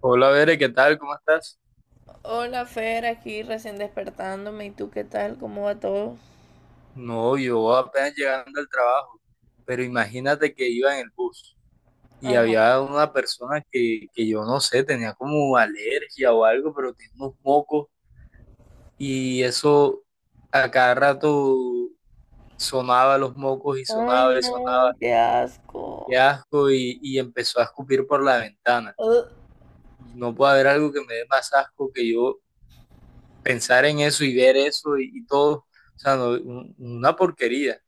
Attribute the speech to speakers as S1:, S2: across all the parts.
S1: Hola, Bere, ¿qué tal? ¿Cómo estás?
S2: Hola Fer, aquí recién despertándome. ¿Y tú qué tal? ¿Cómo va todo?
S1: No, yo apenas llegando al trabajo, pero imagínate que iba en el bus y
S2: Ajá.
S1: había una persona que yo no sé, tenía como alergia o algo, pero tenía unos mocos y eso a cada rato sonaba los mocos
S2: Ay,
S1: y
S2: no,
S1: sonaba,
S2: qué
S1: qué
S2: asco.
S1: asco, y empezó a escupir por la ventana.
S2: Ugh.
S1: Y no puede haber algo que me dé más asco que yo pensar en eso y ver eso y todo, o sea, no, una porquería.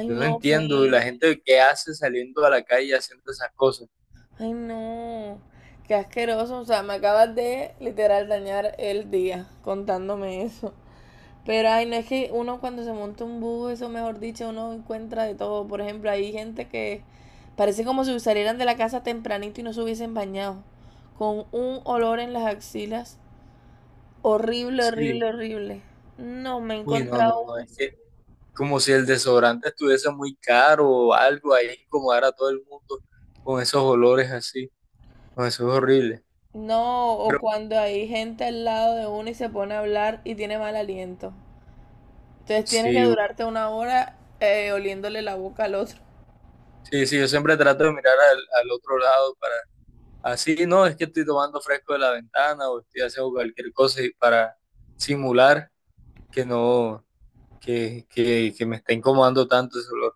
S2: Ay,
S1: Yo no
S2: no,
S1: entiendo y la
S2: Fer.
S1: gente que hace saliendo a la calle haciendo esas cosas.
S2: Ay, no. Qué asqueroso. O sea, me acabas de literal dañar el día contándome eso. Pero, ay, no es que uno cuando se monta un bus, eso mejor dicho, uno encuentra de todo. Por ejemplo, hay gente que parece como si salieran de la casa tempranito y no se hubiesen bañado. Con un olor en las axilas. Horrible, horrible,
S1: Sí,
S2: horrible. No, me he
S1: uy, no,
S2: encontrado
S1: no, no,
S2: uno.
S1: es que como si el desodorante estuviese muy caro o algo, ahí incomodar a todo el mundo con esos olores así, no, eso es horrible.
S2: No, o
S1: Pero
S2: cuando hay gente al lado de uno y se pone a hablar y tiene mal aliento. Entonces tienes
S1: sí,
S2: que durarte una hora oliéndole la boca al otro.
S1: sí, sí, yo siempre trato de mirar al otro lado para, así, no, es que estoy tomando fresco de la ventana o estoy haciendo cualquier cosa y para simular que no, que me está incomodando tanto ese olor.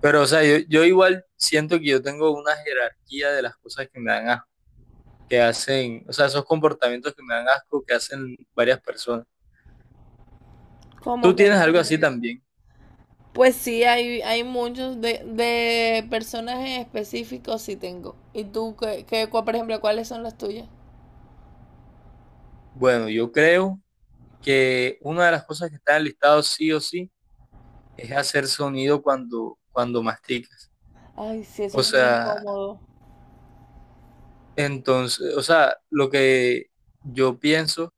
S1: Pero, o sea, yo igual siento que yo tengo una jerarquía de las cosas que me dan asco, que hacen, o sea, esos comportamientos que me dan asco que hacen varias personas.
S2: Como
S1: ¿Tú
S2: que...
S1: tienes algo así también?
S2: Pues sí, hay muchos de personajes específicos sí tengo. ¿Y tú, por ejemplo, cuáles son las tuyas?
S1: Bueno, yo creo que una de las cosas que está en el listado sí o sí es hacer sonido cuando masticas.
S2: Ay, sí, eso
S1: O
S2: es muy
S1: sea,
S2: incómodo.
S1: entonces, o sea, lo que yo pienso.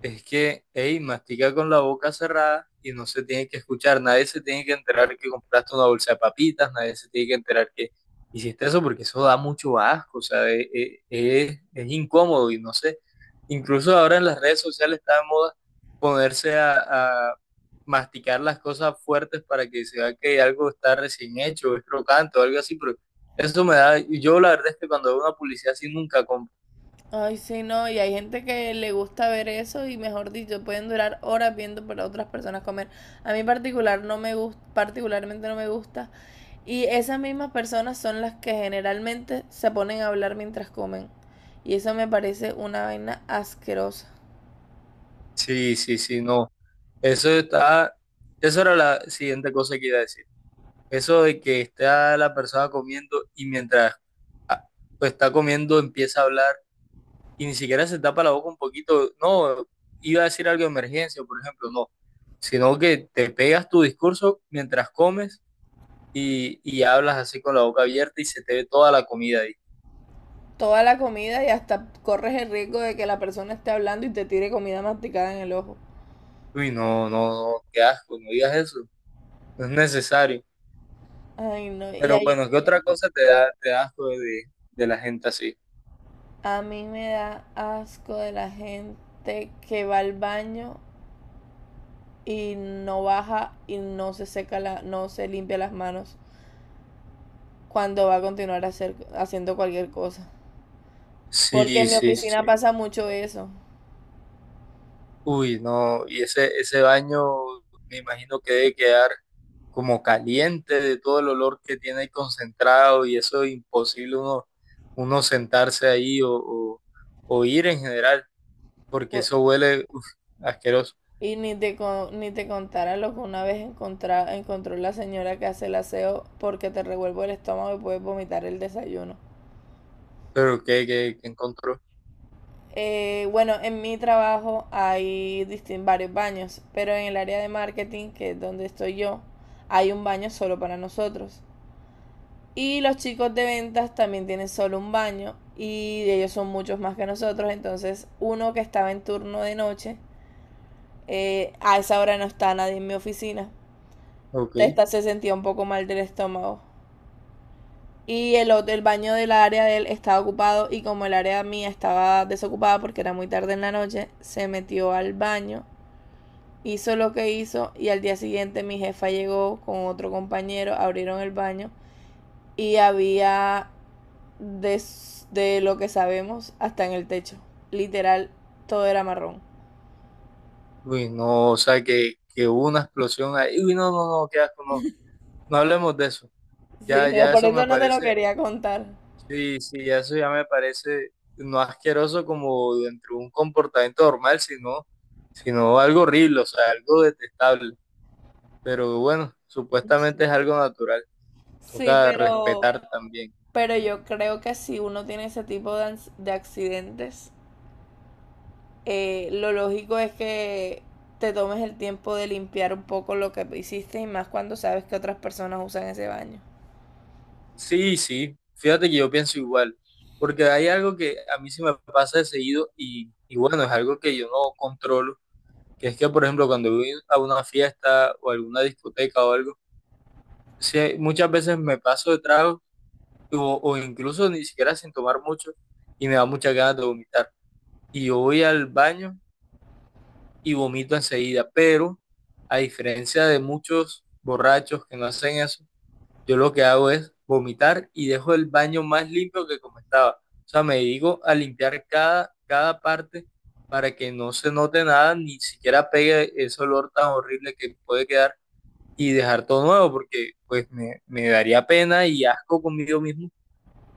S1: Es que, hey, mastica con la boca cerrada y no se tiene que escuchar. Nadie se tiene que enterar que compraste una bolsa de papitas, nadie se tiene que enterar que hiciste eso porque eso da mucho asco, o sea, es incómodo y no sé. Incluso ahora en las redes sociales está de moda ponerse a masticar las cosas fuertes para que se vea que algo está recién hecho, es crocante o algo así, pero eso me da, yo la verdad es que cuando veo una publicidad así nunca compro.
S2: Ay, sí, no, y hay gente que le gusta ver eso y mejor dicho, pueden durar horas viendo para otras personas comer. A mí particular no me gusta, particularmente no me gusta. Y esas mismas personas son las que generalmente se ponen a hablar mientras comen. Y eso me parece una vaina asquerosa.
S1: Sí, sí, sí, no. Eso está, eso era la siguiente cosa que iba a decir. Eso de que está la persona comiendo y mientras ah, pues, está comiendo empieza a hablar y ni siquiera se tapa la boca un poquito. No, iba a decir algo de emergencia, por ejemplo, no. Sino que te pegas tu discurso mientras comes y hablas así con la boca abierta y se te ve toda la comida ahí.
S2: Toda la comida y hasta corres el riesgo de que la persona esté hablando y te tire comida masticada en el ojo.
S1: Uy, no, no, no, qué asco, no digas eso. No es necesario.
S2: Ay, no, y
S1: Pero
S2: ahí
S1: bueno, ¿qué otra cosa te da asco de la gente así?
S2: a mí me da asco de la gente que va al baño y no baja y no se seca no se limpia las manos cuando va a haciendo cualquier cosa. Porque
S1: Sí,
S2: en mi
S1: sí, sí.
S2: oficina pasa mucho eso.
S1: Uy, no, y ese baño me imagino que debe quedar como caliente de todo el olor que tiene ahí concentrado y eso es imposible uno sentarse ahí o ir en general, porque
S2: Pu-
S1: eso huele uf, asqueroso.
S2: Y ni te contara lo que una vez encontró la señora que hace el aseo porque te revuelvo el estómago y puedes vomitar el desayuno.
S1: Pero ¿ qué encontró?
S2: Bueno, en mi trabajo hay varios baños, pero en el área de marketing, que es donde estoy yo, hay un baño solo para nosotros. Y los chicos de ventas también tienen solo un baño y ellos son muchos más que nosotros. Entonces, uno que estaba en turno de noche, a esa hora no está nadie en mi oficina.
S1: Ok.
S2: Esta se sentía un poco mal del estómago. Y el baño del área de él estaba ocupado y como el área mía estaba desocupada porque era muy tarde en la noche, se metió al baño, hizo lo que hizo y al día siguiente mi jefa llegó con otro compañero, abrieron el baño y había de, de lo que sabemos hasta en el techo. Literal, todo era marrón.
S1: Uy, no, o sea, que hubo una explosión ahí. Uy, no, no, no, qué asco, no, no hablemos de eso.
S2: Sí,
S1: Ya,
S2: mira,
S1: ya
S2: por
S1: eso me
S2: eso no te lo
S1: parece.
S2: quería contar.
S1: Sí, sí, eso ya me parece no asqueroso como dentro de un comportamiento normal, sino algo horrible, o sea, algo detestable. Pero bueno, supuestamente es algo natural,
S2: Sí,
S1: toca respetar también.
S2: pero yo creo que si uno tiene ese tipo de, de accidentes, lo lógico es que te tomes el tiempo de limpiar un poco lo que hiciste y más cuando sabes que otras personas usan ese baño.
S1: Sí, sí, fíjate que yo pienso igual, porque hay algo que a mí sí me pasa de seguido y bueno, es algo que yo no controlo, que es que, por ejemplo, cuando voy a una fiesta o alguna discoteca o algo, sí, muchas veces me paso de trago o incluso ni siquiera sin tomar mucho y me da muchas ganas de vomitar. Y yo voy al baño y vomito enseguida, pero a diferencia de muchos borrachos que no hacen eso, yo lo que hago es vomitar y dejo el baño más limpio que como estaba. O sea, me dedico a limpiar cada parte para que no se note nada, ni siquiera pegue ese olor tan horrible que puede quedar y dejar todo nuevo, porque pues me daría pena y asco conmigo mismo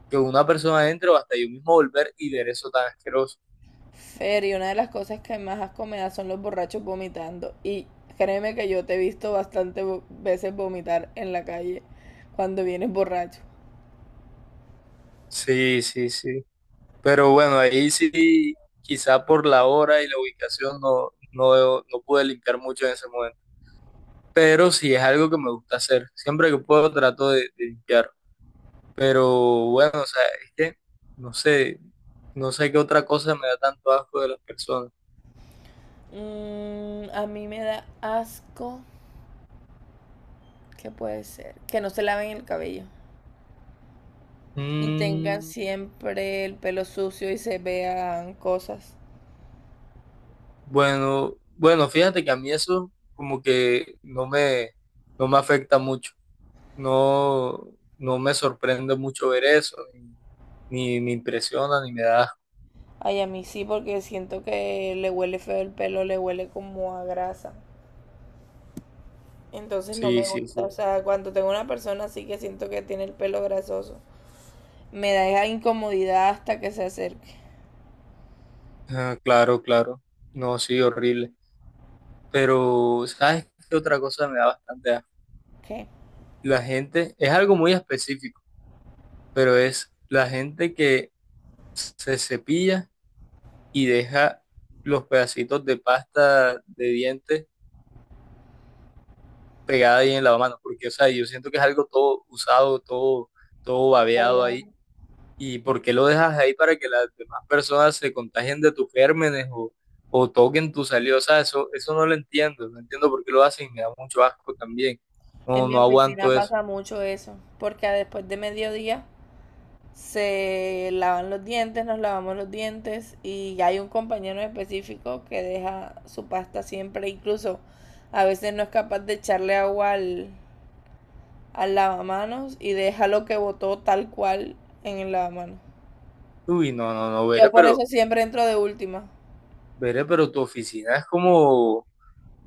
S1: que una persona entre o hasta yo mismo volver y ver eso tan asqueroso.
S2: Fer, y una de las cosas que más asco me da son los borrachos vomitando. Y créeme que yo te he visto bastantes veces vomitar en la calle cuando vienes borracho.
S1: Sí, sí, sí. Pero bueno, ahí sí, quizá por la hora y la ubicación no, no, no pude limpiar mucho en ese momento. Pero sí es algo que me gusta hacer. Siempre que puedo trato de limpiar. Pero bueno, o sea, es que no sé, no sé qué otra cosa me da tanto asco de las personas.
S2: Mm, a mí me da asco, ¿qué puede ser? Que no se laven el cabello y tengan
S1: Mm,
S2: siempre el pelo sucio y se vean cosas.
S1: bueno, bueno, fíjate que a mí eso como que no no me afecta mucho. No, no me sorprende mucho ver eso, ni, ni me impresiona, ni me da asco.
S2: Ay, a mí sí, porque siento que le huele feo el pelo, le huele como a grasa. Entonces no
S1: Sí,
S2: me
S1: sí, sí.
S2: gusta, o sea, cuando tengo una persona así que siento que tiene el pelo grasoso. Me da esa incomodidad hasta que se acerque.
S1: Ah, claro, claro. No, sí, horrible. Pero, ¿sabes qué otra cosa me da bastante asco?
S2: Ok.
S1: La gente, es algo muy específico, pero es la gente que se cepilla y deja los pedacitos de pasta de dientes pegada ahí en la mano, porque, o sea, yo siento que es algo todo usado, todo, todo babeado ahí. ¿Y por qué lo dejas ahí para que las demás personas se contagien de tus gérmenes o toquen tu saliva? O sea, eso no lo entiendo, no entiendo por qué lo hacen y me da mucho asco también.
S2: En
S1: No,
S2: mi
S1: no aguanto
S2: oficina
S1: eso.
S2: pasa mucho eso, porque después de mediodía se lavan los dientes, nos lavamos los dientes y hay un compañero en específico que deja su pasta siempre, incluso a veces no es capaz de echarle agua al lavamanos y deja lo que botó tal cual en el lavamanos.
S1: Uy, no, no, no,
S2: Yo por eso siempre entro de última.
S1: veré, pero tu oficina es como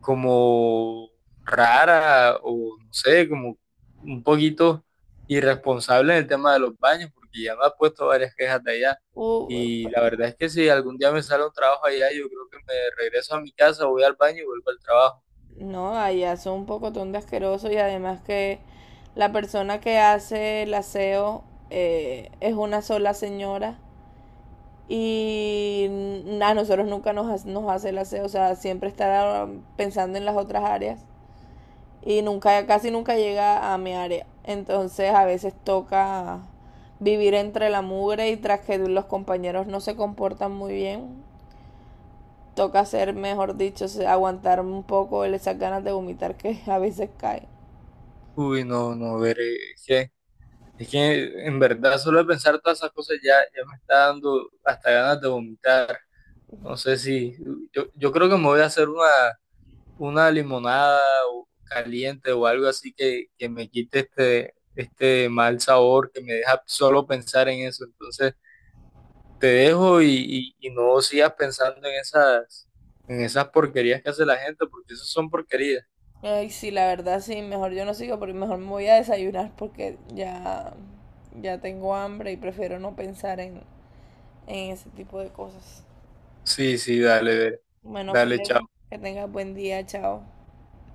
S1: como rara o no sé, como un poquito irresponsable en el tema de los baños, porque ya me ha puesto varias quejas de allá.
S2: Uh,
S1: Y la verdad es que si algún día me sale un trabajo allá, yo creo que me regreso a mi casa, voy al baño y vuelvo al trabajo.
S2: No, allá son un pocotón de asqueroso y además que la persona que hace el aseo es una sola señora y a nosotros nunca nos hace el aseo, o sea, siempre está pensando en las otras áreas y nunca, casi nunca llega a mi área. Entonces a veces toca vivir entre la mugre y tras que los compañeros no se comportan muy bien, toca hacer, mejor dicho, aguantar un poco esas ganas de vomitar que a veces caen.
S1: Uy, no, no, veré, es que en verdad solo de pensar todas esas cosas ya, ya me está dando hasta ganas de vomitar. No sé si, yo creo que me voy a hacer una limonada caliente o algo así que me quite este, este mal sabor que me deja solo pensar en eso. Entonces te dejo y no sigas pensando en esas porquerías que hace la gente, porque eso son porquerías.
S2: Ay, sí, la verdad, sí, mejor yo no sigo, porque mejor me voy a desayunar porque ya, ya tengo hambre y prefiero no pensar en ese tipo de cosas.
S1: Sí, sí, dale, dale,
S2: Bueno,
S1: dale,
S2: Fred,
S1: chao.
S2: que tengas buen día, chao.